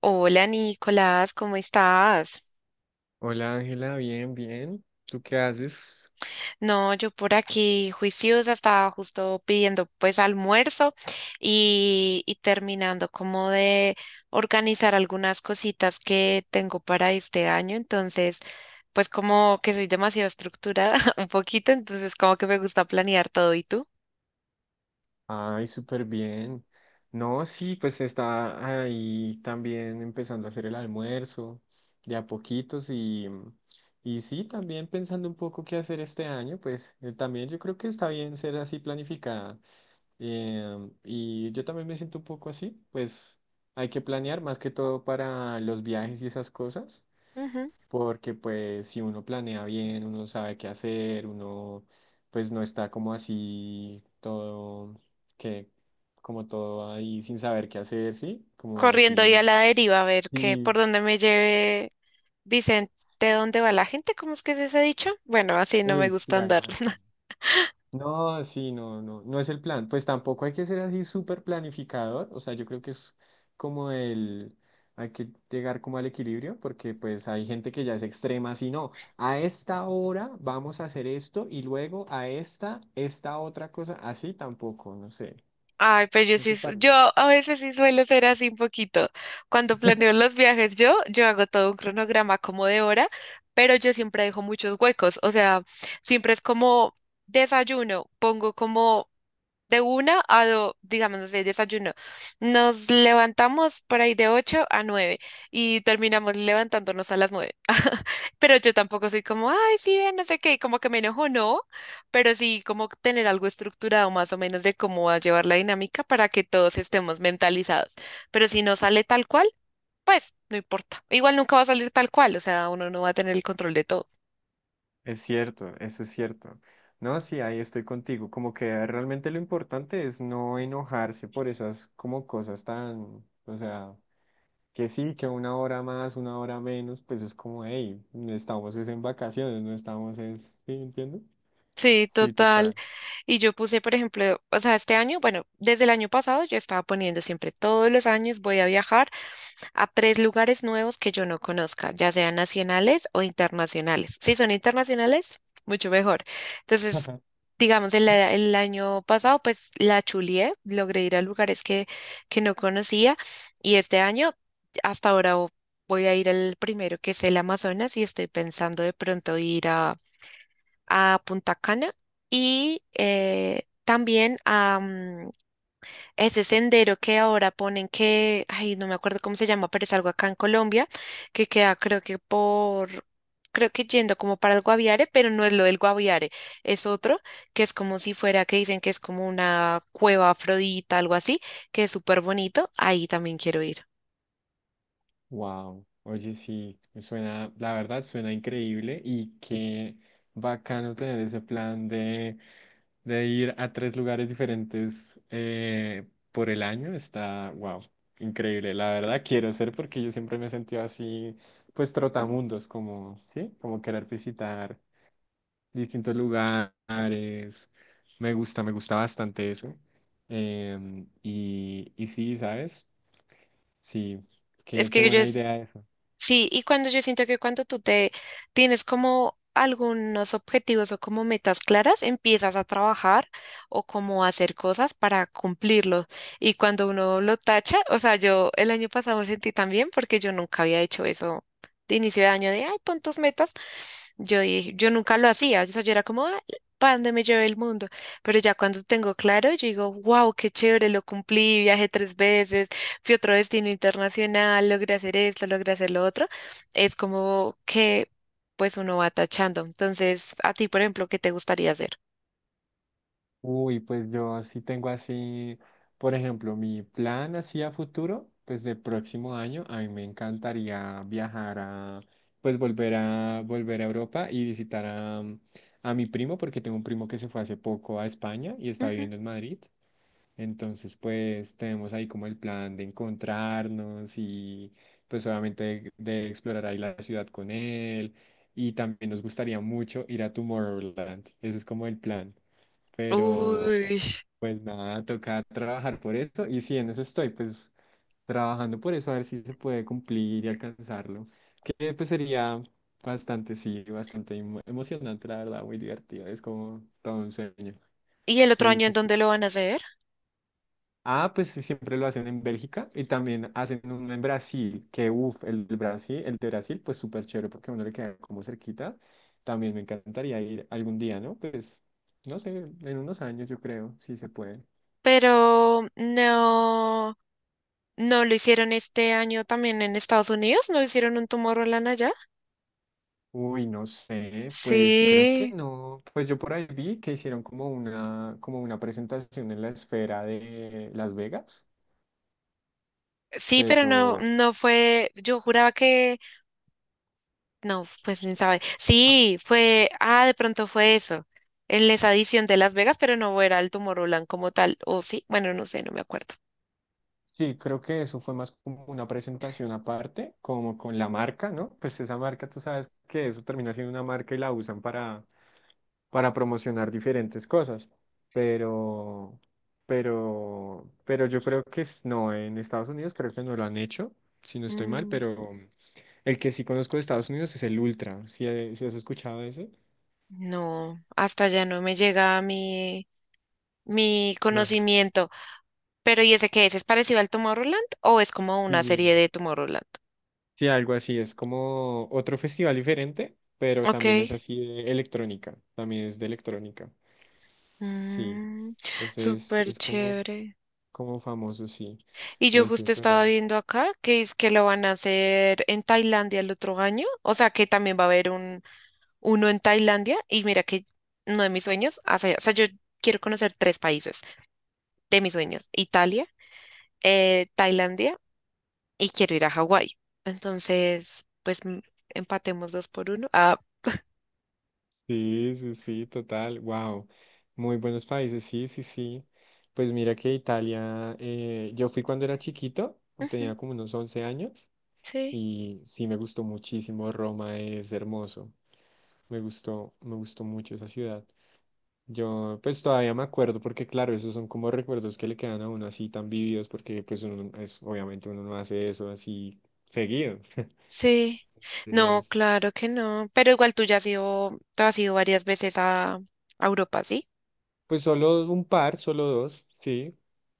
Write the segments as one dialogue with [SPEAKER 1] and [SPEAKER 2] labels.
[SPEAKER 1] Hola Nicolás, ¿cómo estás?
[SPEAKER 2] Hola Ángela, bien, bien. ¿Tú qué haces?
[SPEAKER 1] No, yo por aquí juiciosa estaba justo pidiendo pues almuerzo y terminando como de organizar algunas cositas que tengo para este año, entonces pues como que soy demasiado estructurada un poquito, entonces como que me gusta planear todo. ¿Y tú?
[SPEAKER 2] Ay, súper bien. No, sí, pues está ahí también empezando a hacer el almuerzo de a poquitos y sí, también pensando un poco qué hacer este año, pues también yo creo que está bien ser así planificada. Y yo también me siento un poco así, pues hay que planear más que todo para los viajes y esas cosas.
[SPEAKER 1] Ujú.
[SPEAKER 2] Porque pues si uno planea bien, uno sabe qué hacer, uno pues no está como así todo, que como todo ahí sin saber qué hacer, ¿sí? Como
[SPEAKER 1] Corriendo y a
[SPEAKER 2] así,
[SPEAKER 1] la deriva a ver qué,
[SPEAKER 2] sí,
[SPEAKER 1] por dónde me lleve Vicente, dónde va la gente, ¿cómo es que se ha dicho? Bueno, así no me
[SPEAKER 2] uy, sí,
[SPEAKER 1] gusta andar.
[SPEAKER 2] algo así. No, sí, no, no, no es el plan. Pues tampoco hay que ser así súper planificador. O sea, yo creo que es como el, hay que llegar como al equilibrio, porque pues hay gente que ya es extrema, así no, a esta hora vamos a hacer esto y luego a esta, esta otra cosa, así tampoco, no sé.
[SPEAKER 1] Ay, pues yo
[SPEAKER 2] ¿No te
[SPEAKER 1] sí, yo
[SPEAKER 2] parece?
[SPEAKER 1] a veces sí suelo ser así un poquito. Cuando planeo los viajes, yo hago todo un cronograma como de hora, pero yo siempre dejo muchos huecos. O sea, siempre es como desayuno, pongo como de 1 a 2, digamos, no sé, desayuno. Nos levantamos por ahí de 8 a 9 y terminamos levantándonos a las 9. Pero yo tampoco soy como, ay, sí, ve, no sé qué, como que me enojo, no, pero sí como tener algo estructurado más o menos de cómo va a llevar la dinámica para que todos estemos mentalizados. Pero si no sale tal cual, pues no importa. Igual nunca va a salir tal cual, o sea, uno no va a tener el control de todo.
[SPEAKER 2] Es cierto, eso es cierto. No, sí, ahí estoy contigo. Como que realmente lo importante es no enojarse por esas como cosas tan, o sea. Que sí, que una hora más, una hora menos, pues es como, hey, no estamos es en vacaciones, no estamos es, ¿sí entiendes?
[SPEAKER 1] Sí,
[SPEAKER 2] Sí,
[SPEAKER 1] total.
[SPEAKER 2] total.
[SPEAKER 1] Y yo puse, por ejemplo, o sea, este año, bueno, desde el año pasado yo estaba poniendo siempre todos los años voy a viajar a tres lugares nuevos que yo no conozca, ya sean nacionales o internacionales. Si son internacionales, mucho mejor. Entonces, digamos, el año pasado, pues la chulié, logré ir a lugares que no conocía y este año, hasta ahora, voy a ir al primero que es el Amazonas y estoy pensando de pronto ir a Punta Cana y también a ese sendero que ahora ponen que, ay, no me acuerdo cómo se llama, pero es algo acá en Colombia, que queda creo que por, creo que yendo como para el Guaviare, pero no es lo del Guaviare, es otro, que es como si fuera, que dicen que es como una cueva afrodita, algo así, que es súper bonito, ahí también quiero ir.
[SPEAKER 2] Wow, oye, sí, suena, la verdad suena increíble y qué bacano tener ese plan de ir a 3 lugares diferentes por el año, está, wow, increíble, la verdad quiero ser porque yo siempre me he sentido así, pues trotamundos, como, sí, como querer visitar distintos lugares. Me gusta bastante eso. Y sí, ¿sabes? Sí,
[SPEAKER 1] Es
[SPEAKER 2] qué, qué
[SPEAKER 1] que yo
[SPEAKER 2] buena idea eso.
[SPEAKER 1] Sí, y cuando yo siento que cuando tú te tienes como algunos objetivos o como metas claras, empiezas a trabajar o como a hacer cosas para cumplirlos. Y cuando uno lo tacha, o sea, yo el año pasado me sentí también porque yo nunca había hecho eso de inicio de año de, ay, pon tus metas. Yo dije, yo nunca lo hacía, o sea, yo era como, "Ah, ¿para dónde me lleve el mundo?" Pero ya cuando tengo claro, yo digo, wow, qué chévere, lo cumplí, viajé tres veces, fui a otro destino internacional, logré hacer esto, logré hacer lo otro, es como que pues uno va tachando. Entonces, a ti, por ejemplo, ¿qué te gustaría hacer?
[SPEAKER 2] Uy, pues yo sí tengo así, por ejemplo, mi plan así a futuro, pues de próximo año, a mí me encantaría viajar a, pues volver a Europa y visitar a mi primo, porque tengo un primo que se fue hace poco a España y está
[SPEAKER 1] Ujú.
[SPEAKER 2] viviendo en Madrid. Entonces, pues tenemos ahí como el plan de encontrarnos y pues obviamente de explorar ahí la ciudad con él. Y también nos gustaría mucho ir a Tomorrowland. Ese es como el plan. Pero
[SPEAKER 1] Uy.
[SPEAKER 2] pues nada, toca trabajar por eso. Y sí, en eso estoy, pues trabajando por eso, a ver si se puede cumplir y alcanzarlo. Que pues sería bastante, sí, bastante emocionante, la verdad, muy divertido. Es como todo un sueño.
[SPEAKER 1] ¿Y el otro
[SPEAKER 2] Sí,
[SPEAKER 1] año en
[SPEAKER 2] sí, sí.
[SPEAKER 1] dónde lo van a hacer?
[SPEAKER 2] Ah, pues sí, siempre lo hacen en Bélgica y también hacen uno en Brasil, que uff, el Brasil, el de Brasil, pues súper chévere porque a uno le queda como cerquita. También me encantaría ir algún día, ¿no? Pues, no sé, en unos años yo creo, si se puede.
[SPEAKER 1] Pero no, no lo hicieron este año también en Estados Unidos, no hicieron un Tomorrowland allá.
[SPEAKER 2] Uy, no sé, pues creo que
[SPEAKER 1] Sí,
[SPEAKER 2] no. Pues yo por ahí vi que hicieron como una presentación en la esfera de Las Vegas,
[SPEAKER 1] sí, pero no,
[SPEAKER 2] pero
[SPEAKER 1] no fue, yo juraba que No, pues ni sabe. Sí, fue, ah, de pronto fue eso, en esa edición de Las Vegas, pero no era el Tomorrowland como tal, o sí, bueno, no sé, no me acuerdo.
[SPEAKER 2] sí, creo que eso fue más como una presentación aparte, como con la marca, ¿no? Pues esa marca, tú sabes que eso termina siendo una marca y la usan para promocionar diferentes cosas. Pero, pero yo creo que no, en Estados Unidos creo que no lo han hecho, si no estoy mal,
[SPEAKER 1] Mm,
[SPEAKER 2] pero el que sí conozco de Estados Unidos es el Ultra. ¿Si has escuchado de ese?
[SPEAKER 1] no, hasta allá no me llega mi
[SPEAKER 2] No.
[SPEAKER 1] conocimiento. Pero ¿y ese qué es? ¿Es parecido al Tomorrowland o es como una serie
[SPEAKER 2] Sí.
[SPEAKER 1] de Tomorrowland?
[SPEAKER 2] Sí, algo así, es como otro festival diferente, pero también es
[SPEAKER 1] Ok.
[SPEAKER 2] así de electrónica, también es de electrónica, sí,
[SPEAKER 1] Mm,
[SPEAKER 2] ese
[SPEAKER 1] súper
[SPEAKER 2] es como,
[SPEAKER 1] chévere.
[SPEAKER 2] como famoso, sí,
[SPEAKER 1] Y yo
[SPEAKER 2] ese,
[SPEAKER 1] justo estaba
[SPEAKER 2] pero
[SPEAKER 1] viendo acá que es que lo van a hacer en Tailandia el otro año. O sea que también va a haber uno en Tailandia y mira que uno de mis sueños, o sea, yo quiero conocer tres países de mis sueños, Italia, Tailandia y quiero ir a Hawái. Entonces, pues empatemos dos por uno. Ah,
[SPEAKER 2] sí, sí, sí, total, wow, muy buenos países, sí, sí, sí, pues mira que Italia, yo fui cuando era chiquito,
[SPEAKER 1] ujú,
[SPEAKER 2] tenía como unos 11 años,
[SPEAKER 1] sí,
[SPEAKER 2] y sí me gustó muchísimo, Roma es hermoso, me gustó mucho esa ciudad. Yo pues todavía me acuerdo porque claro, esos son como recuerdos que le quedan a uno así tan vividos porque pues uno es, obviamente uno no hace eso así seguido.
[SPEAKER 1] sí. No,
[SPEAKER 2] Entonces,
[SPEAKER 1] claro que no, pero igual tú ya has ido, tú has ido varias veces a Europa, ¿sí?
[SPEAKER 2] pues solo un par, solo dos, sí.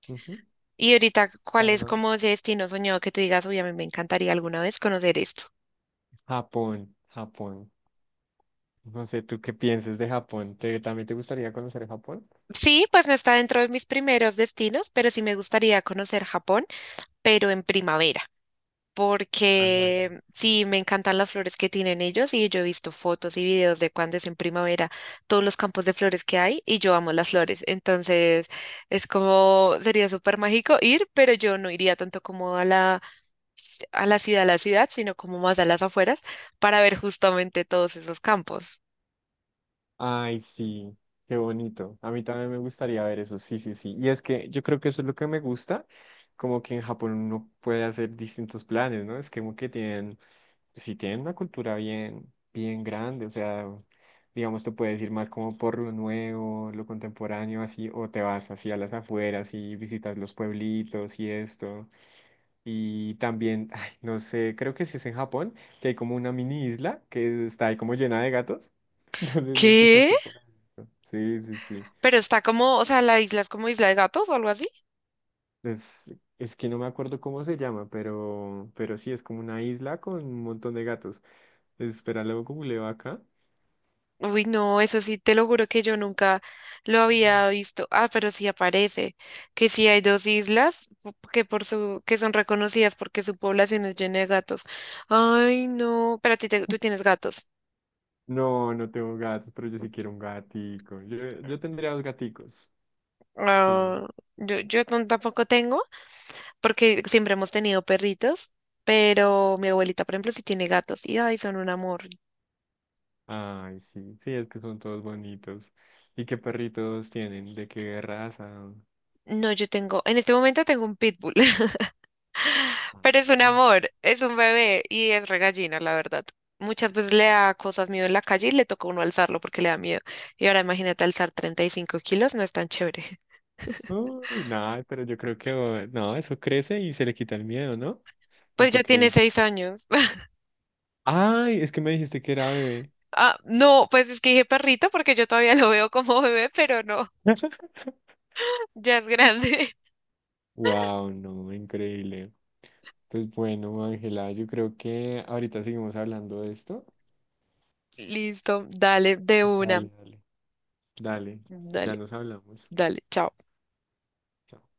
[SPEAKER 2] Ujú.
[SPEAKER 1] Y ahorita, ¿cuál es
[SPEAKER 2] Ah,
[SPEAKER 1] como ese destino soñado que tú digas, uy, a mí me encantaría alguna vez conocer esto?
[SPEAKER 2] Japón, Japón. No sé, ¿tú qué piensas de Japón? ¿Te, también te gustaría conocer Japón?
[SPEAKER 1] Sí, pues no está dentro de mis primeros destinos, pero sí me gustaría conocer Japón, pero en primavera,
[SPEAKER 2] Ah,
[SPEAKER 1] porque
[SPEAKER 2] sí.
[SPEAKER 1] sí, me encantan las flores que tienen ellos y yo he visto fotos y videos de cuando es en primavera, todos los campos de flores que hay y yo amo las flores, entonces es como, sería súper mágico ir, pero yo no iría tanto como a a la ciudad, sino como más a las afueras para ver justamente todos esos campos.
[SPEAKER 2] Ay, sí, qué bonito. A mí también me gustaría ver eso, sí, sí, sí. Y es que yo creo que eso es lo que me gusta, como que en Japón uno puede hacer distintos planes, ¿no? Es que como que tienen, pues sí tienen una cultura bien, bien grande, o sea, digamos, te puedes ir más como por lo nuevo, lo contemporáneo, así, o te vas así a las afueras y visitas los pueblitos y esto. Y también, ay, no sé, creo que sí es en Japón, que hay como una mini isla que está ahí como llena de gatos. No sé si
[SPEAKER 1] ¿Qué?
[SPEAKER 2] escuchaste por ahí. Sí, sí, sí.
[SPEAKER 1] Pero está como, o sea, la isla es como Isla de Gatos o algo así.
[SPEAKER 2] Es, es que no me acuerdo cómo se llama, pero sí, es como una isla con un montón de gatos. Espera, luego googleo acá.
[SPEAKER 1] Uy, no, eso sí, te lo juro que yo nunca lo
[SPEAKER 2] Mm.
[SPEAKER 1] había visto. Ah, pero sí aparece que sí hay dos islas que son reconocidas porque su población es llena de gatos. Ay, no, pero a ti tú tienes gatos.
[SPEAKER 2] No, no tengo gatos, pero yo sí quiero un gatico. Yo tendría dos gaticos. Sí.
[SPEAKER 1] Ah, yo yo no- tampoco tengo porque siempre hemos tenido perritos, pero mi abuelita, por ejemplo, sí tiene gatos y ay, son un amor.
[SPEAKER 2] Ay, sí. Sí, es que son todos bonitos. ¿Y qué perritos tienen? ¿De qué raza?
[SPEAKER 1] No, yo tengo, en este momento tengo un pitbull. Pero es un
[SPEAKER 2] Ah.
[SPEAKER 1] amor, es un bebé y es regallina, la verdad. Muchas veces le da cosas miedo en la calle y le toca a uno alzarlo porque le da miedo. Y ahora imagínate alzar 35 kilos, no es tan chévere.
[SPEAKER 2] Uy, nada, pero yo creo que oh, no, eso crece y se le quita el miedo, ¿no? ¿O
[SPEAKER 1] Pues
[SPEAKER 2] tú
[SPEAKER 1] ya
[SPEAKER 2] qué
[SPEAKER 1] tiene
[SPEAKER 2] dices?
[SPEAKER 1] 6 años.
[SPEAKER 2] Ay, es que me dijiste que era bebé.
[SPEAKER 1] Ah, no, pues es que dije perrito porque yo todavía lo veo como bebé, pero no, ya es grande.
[SPEAKER 2] Wow, no, increíble. Pues bueno, Ángela, yo creo que ahorita seguimos hablando de esto.
[SPEAKER 1] Listo, dale, de una.
[SPEAKER 2] Dale, dale, dale, ya
[SPEAKER 1] Dale,
[SPEAKER 2] nos hablamos.
[SPEAKER 1] dale, chao.
[SPEAKER 2] Chao.